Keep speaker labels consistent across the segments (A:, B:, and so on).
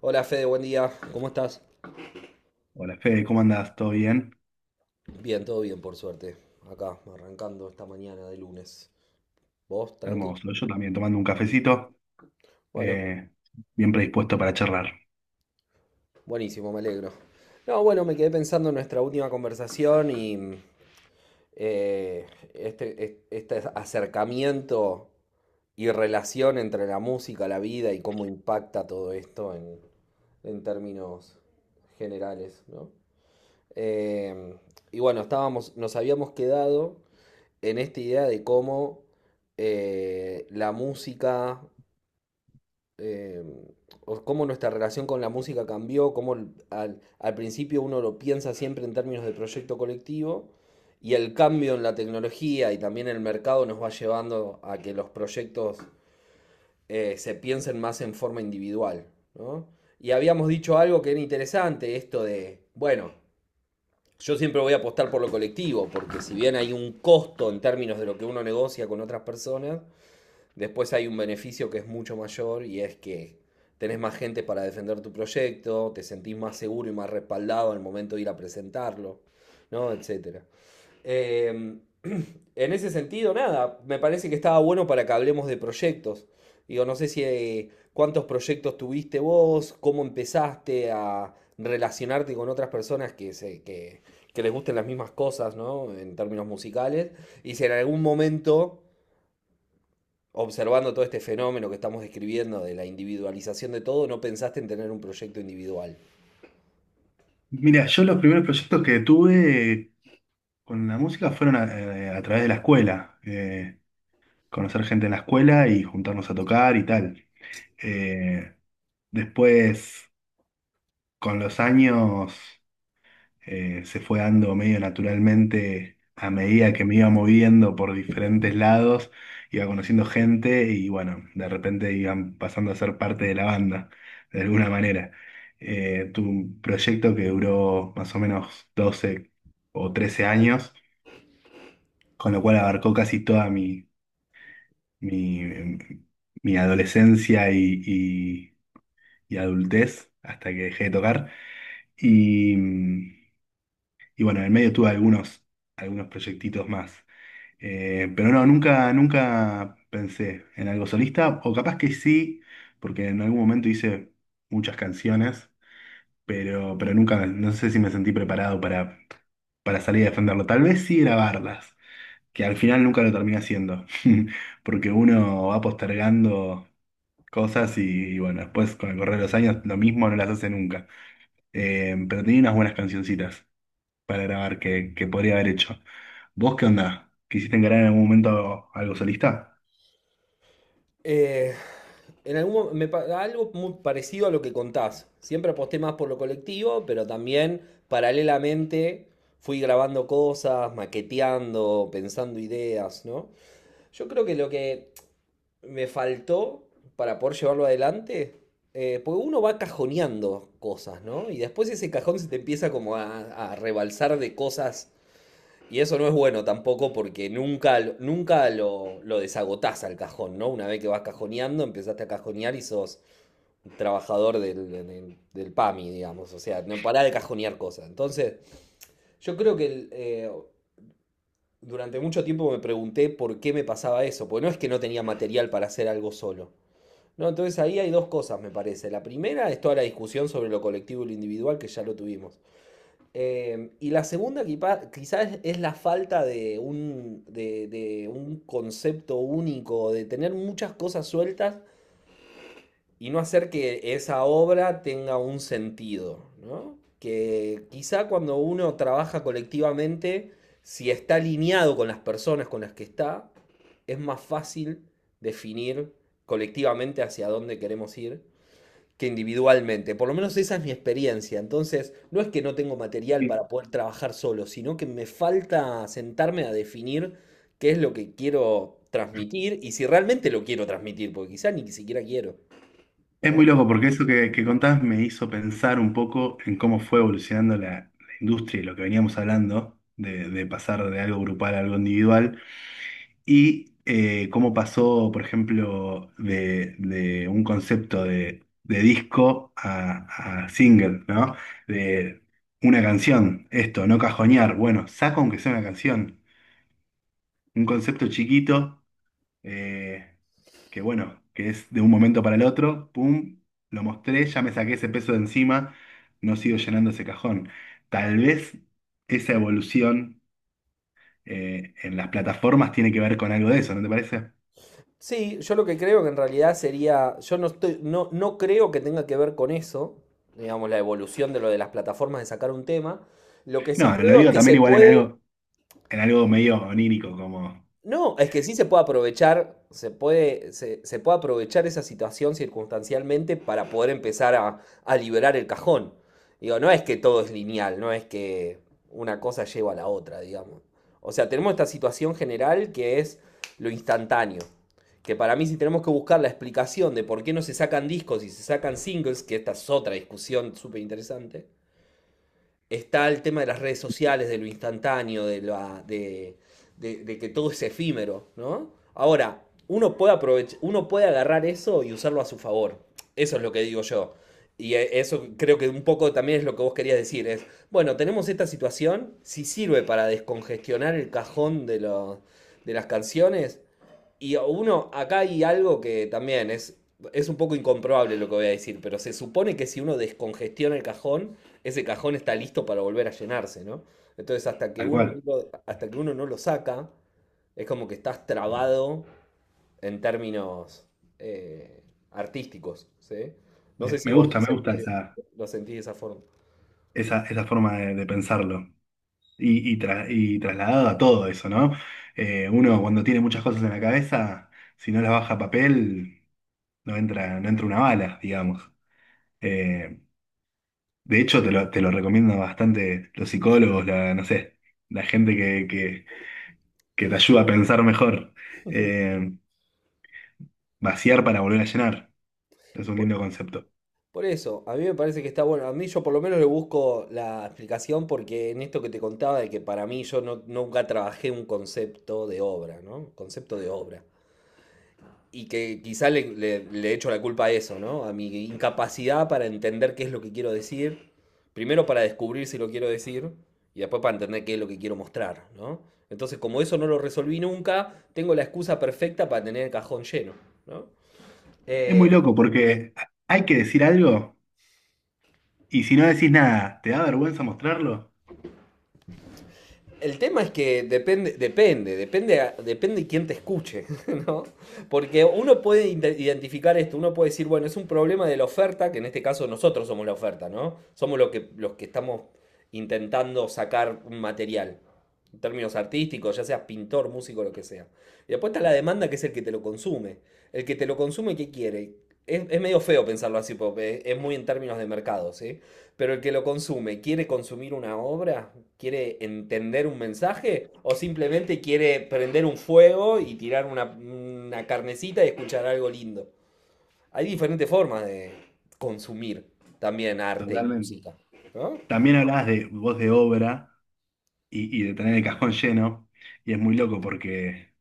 A: Hola Fede, buen día. ¿Cómo estás?
B: Hola Fede, ¿cómo andás? ¿Todo bien?
A: Bien, todo bien, por suerte. Acá, arrancando esta mañana de lunes. ¿Vos? Tranqui.
B: Hermoso. Yo también tomando un cafecito,
A: Bueno,
B: eh, bien predispuesto para charlar.
A: buenísimo, me alegro. No, bueno, me quedé pensando en nuestra última conversación y eh, este acercamiento y relación entre la música, la vida y cómo impacta todo esto en términos generales, ¿no? Em, y bueno, estábamos, nos habíamos quedado en esta idea de cómo la música, eh, o cómo nuestra relación con la música cambió, cómo al, al principio uno lo piensa siempre en términos de proyecto colectivo, y el cambio en la tecnología y también en el mercado nos va llevando a que los proyectos se piensen más en forma individual, ¿no? Y habíamos dicho algo que era interesante, esto de, bueno, yo siempre voy a apostar por lo colectivo, porque si bien hay un costo en términos de lo que uno negocia con otras personas, después hay un beneficio que es mucho mayor y es que tenés más gente para defender tu proyecto, te sentís más seguro y más respaldado al momento de ir a presentarlo, ¿no? Etcétera. Eh, en ese sentido, nada, me parece que estaba bueno para que hablemos de proyectos. Digo, no sé si cuántos proyectos tuviste vos, cómo empezaste a relacionarte con otras personas que les gusten las mismas cosas, ¿no? En términos musicales. Y si en algún momento, observando todo este fenómeno que estamos describiendo de la individualización de todo, no pensaste en tener un proyecto individual.
B: Mira, yo los primeros proyectos que tuve con la música fueron a través de la escuela. Conocer gente en la escuela y juntarnos a tocar y tal. Eh, Después, con los años. Se fue dando medio naturalmente a medida que me iba moviendo por diferentes lados, iba conociendo gente y bueno, de repente iban pasando a ser parte de la banda, de alguna manera. Tuve un proyecto que duró más o menos 12 o 13 años, con lo cual abarcó casi toda mi, em, mi adolescencia y y adultez hasta que dejé de tocar. Y, mm, Y bueno, en el medio tuve algunos proyectitos más. Pero no, nunca pensé en algo solista, o capaz que sí, porque en algún momento hice muchas canciones, pero nunca, no sé si me sentí preparado para salir a defenderlo. Tal vez sí grabarlas, que al final nunca lo terminé haciendo, porque uno va postergando cosas y bueno, después con el correr de los años lo mismo no las hace nunca. Pero tenía unas buenas cancioncitas para grabar que podría haber hecho. ¿Vos qué onda? ¿Quisiste encarar en algún momento algo solista?
A: Eh, en algo muy parecido a lo que contás. Siempre aposté más por lo colectivo, pero también paralelamente fui grabando cosas, maqueteando, pensando ideas, ¿no? Yo creo que lo que me faltó para poder llevarlo adelante, porque uno va cajoneando cosas, ¿no? Y después ese cajón se te empieza como a rebalsar de cosas y eso no es bueno tampoco porque nunca, nunca lo, lo desagotás al cajón, ¿no? Una vez que vas cajoneando, empezaste a cajonear y sos trabajador del PAMI, digamos. O sea, no pará de cajonear cosas. Entonces, yo creo que eh, durante mucho tiempo me pregunté por qué me pasaba eso. Porque no es que no tenía material para hacer algo solo. No, entonces ahí hay dos cosas, me parece. La primera es toda la discusión sobre lo colectivo y lo individual que ya lo tuvimos. Y la segunda quizás es la falta de de un concepto único, de tener muchas cosas sueltas y no hacer que esa obra tenga un sentido, ¿no? Que quizá cuando uno trabaja colectivamente, si está alineado con las personas con las que está, es más fácil definir colectivamente hacia dónde queremos ir que individualmente. Por lo menos esa es mi experiencia. Entonces, no es que no tengo material
B: Sí.
A: para poder trabajar solo, sino que me falta sentarme a definir qué es lo que quiero transmitir y si realmente lo quiero transmitir, porque quizá ni siquiera quiero,
B: Es muy
A: ¿no?
B: loco porque eso que contás me hizo pensar un poco en cómo fue evolucionando la industria y lo que veníamos hablando, de pasar de algo grupal a algo individual, y cómo pasó, por ejemplo, de un concepto de disco a single, ¿no? De una canción, esto, no cajonear, bueno, saco aunque sea una canción. Un concepto chiquito, eh, que bueno, que es de un momento para el otro, pum, lo mostré, ya me saqué ese peso de encima, no sigo llenando ese cajón. Tal vez esa evolución en las plataformas tiene que ver con algo de eso, ¿no te parece?
A: Sí, yo lo que creo que en realidad sería, yo no estoy, no, no creo que tenga que ver con eso, digamos, la evolución de lo de las plataformas de sacar un tema. Lo que sí
B: No, lo
A: creo es
B: digo
A: que
B: también
A: se
B: igual
A: puede.
B: en algo medio onírico, como
A: No, es que sí se puede aprovechar, se puede aprovechar esa situación circunstancialmente para poder empezar a liberar el cajón. Digo, no es que todo es lineal, no es que una cosa lleva a la otra, digamos. O sea, tenemos esta situación general que es lo instantáneo. Que para mí si tenemos que buscar la explicación de por qué no se sacan discos y se sacan singles, que esta es otra discusión súper interesante, está el tema de las redes sociales, de lo instantáneo, de, la, de que todo es efímero, ¿no? Ahora, uno puede aprovechar, uno puede agarrar eso y usarlo a su favor. Eso es lo que digo yo. Y eso creo que un poco también es lo que vos querías decir. Es, bueno, tenemos esta situación, si sirve para descongestionar el cajón de las canciones, y uno, acá hay algo que también es un poco incomprobable lo que voy a decir, pero se supone que si uno descongestiona el cajón, ese cajón está listo para volver a llenarse, ¿no? Entonces,
B: tal cual.
A: hasta que uno no lo saca, es como que estás trabado en términos eh, artísticos, ¿sí? No sé si
B: Me
A: vos
B: gusta, me gusta
A: lo sentís de esa forma.
B: esa forma de pensarlo. Y trasladado a todo eso, ¿no? Uno cuando tiene muchas cosas en la cabeza, si no las baja a papel, no entra, no entra una bala, digamos. Eh, de hecho, te lo recomiendo bastante los psicólogos, la, no sé, la gente que te ayuda a pensar mejor. Eh, Vaciar para volver a llenar. Es un
A: Por
B: lindo concepto.
A: Por eso, a mí me parece que está bueno. A mí yo por lo menos le busco la explicación porque en esto que te contaba de que para mí yo no- nunca trabajé un concepto de obra, ¿no? Concepto de obra. Y que quizá le echo la culpa a eso, ¿no? A mi incapacidad para entender qué es lo que quiero decir. Primero para descubrir si lo quiero decir y después para entender qué es lo que quiero mostrar, ¿no? Entonces, como eso no lo resolví nunca, tengo la excusa perfecta para tener el cajón lleno, ¿no?
B: Es muy
A: Eh,
B: loco porque hay que decir algo y si no decís nada, ¿te da vergüenza mostrarlo?
A: el tema es que depende, depende quién te escuche, ¿no? Porque uno puede identificar esto, uno puede decir, bueno, es un problema de la oferta, que en este caso nosotros somos la oferta, ¿no? Somos los que estamos intentando sacar un material, en términos artísticos, ya seas pintor, músico, lo que sea. Y después está la demanda, que es el que te lo consume. El que te lo consume, ¿qué quiere? Es medio feo pensarlo así, porque es muy en términos de mercado, ¿sí? Pero el que lo consume, ¿quiere consumir una obra? ¿Quiere entender un mensaje? ¿O simplemente quiere prender un fuego y tirar una carnecita y escuchar algo lindo? Hay diferentes formas de consumir también arte y
B: Totalmente.
A: música, ¿no?
B: También hablabas de voz de obra. Y de tener el cajón lleno. Y es muy loco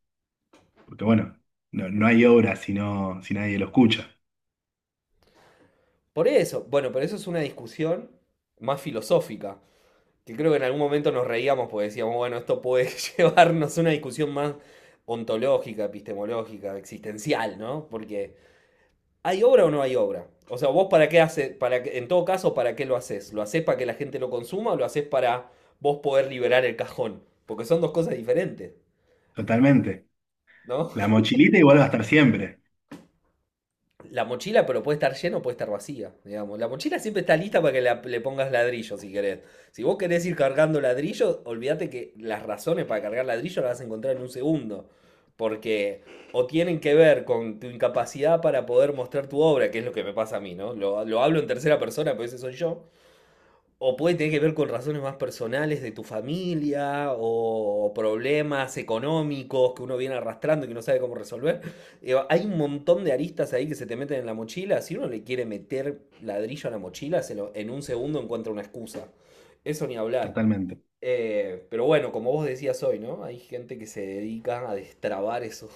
B: porque bueno, no hay obra si, no, si nadie lo escucha.
A: Por eso, bueno, pero eso es una discusión más filosófica, que creo que en algún momento nos reíamos porque decíamos, bueno, esto puede llevarnos a una discusión más ontológica, epistemológica, existencial, ¿no? Porque ¿hay obra o no hay obra? O sea, vos para qué haces, para que, en todo caso, ¿para qué lo haces? ¿Lo haces para que la gente lo consuma o lo haces para vos poder liberar el cajón? Porque son dos cosas diferentes,
B: Totalmente.
A: ¿no?
B: La mochilita igual va a estar siempre.
A: La mochila, pero puede estar llena o puede estar vacía, digamos. La mochila siempre está lista para que le pongas ladrillo, si querés. Si vos querés ir cargando ladrillo, olvídate que las razones para cargar ladrillo las vas a encontrar en un segundo. Porque o tienen que ver con tu incapacidad para poder mostrar tu obra, que es lo que me pasa a mí, ¿no? Lo hablo en tercera persona, pero ese soy yo. O puede tener que ver con razones más personales de tu familia o problemas económicos que uno viene arrastrando y que no sabe cómo resolver. Digo, hay un montón de aristas ahí que se te meten en la mochila. Si uno le quiere meter ladrillo a la mochila, en un segundo encuentra una excusa. Eso ni hablar.
B: Totalmente.
A: Pero bueno, como vos decías hoy, ¿no? Hay gente que se dedica a destrabar eso,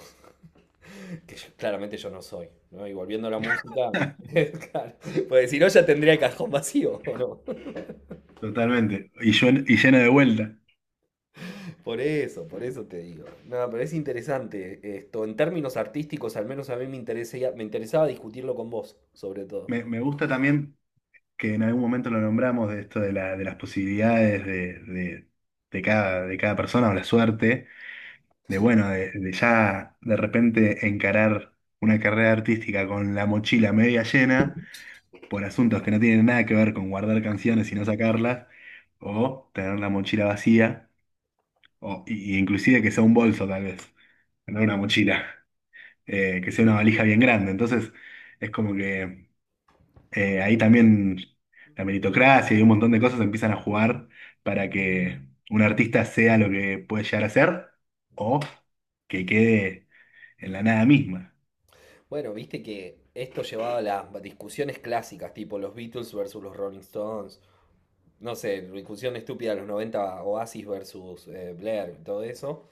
A: que claramente yo no soy, ¿no? Y volviendo a la música, claro, pues si no ya tendría el cajón vacío, ¿o no?
B: Totalmente. Y llena de vuelta.
A: Por eso te digo. No, pero es interesante esto. En términos artísticos, al menos a mí me interesa, me interesaba discutirlo con vos, sobre todo.
B: Me gusta también que en algún momento lo nombramos de esto de, la, de las posibilidades de cada persona o la suerte. De bueno, de ya de repente encarar una carrera artística con la mochila media llena por asuntos que no tienen nada que ver con guardar canciones y no sacarlas, o tener la mochila vacía, o y inclusive que sea un bolso tal vez, no una mochila, que sea una valija bien grande. Entonces es como que ahí también la meritocracia y un montón de cosas empiezan a jugar para que un artista sea lo que puede llegar a ser o que quede en la nada misma.
A: Bueno, viste que esto llevaba a las discusiones clásicas, tipo los Beatles versus los Rolling Stones. No sé, discusión estúpida de los 90, Oasis versus Blair, todo eso.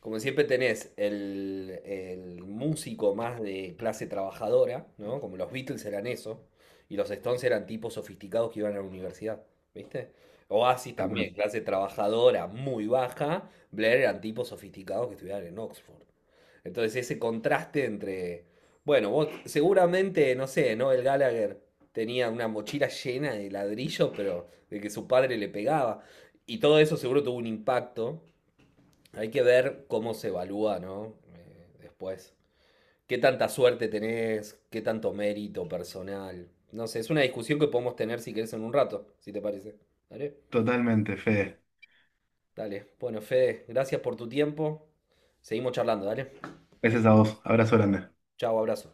A: Como siempre tenés el músico más de clase trabajadora, ¿no? Como los Beatles eran eso, y los Stones eran tipos sofisticados que iban a la universidad, ¿viste? Oasis
B: Tal
A: también,
B: cual.
A: clase trabajadora muy baja, Blair eran tipos sofisticados que estudiaban en Oxford. Entonces ese contraste entre, bueno, vos seguramente, no sé, ¿no? El Gallagher tenía una mochila llena de ladrillos, pero de que su padre le pegaba. Y todo eso seguro tuvo un impacto hay que ver cómo se evalúa, ¿no? Después. ¿Qué tanta suerte tenés? ¿Qué tanto mérito personal? No sé, es una discusión que podemos tener si querés en un rato, si te parece. Dale.
B: Totalmente, Fede.
A: Dale. Bueno, Fede, gracias por tu tiempo. Seguimos charlando, dale.
B: Gracias a vos. Abrazo grande.
A: Chao, abrazo.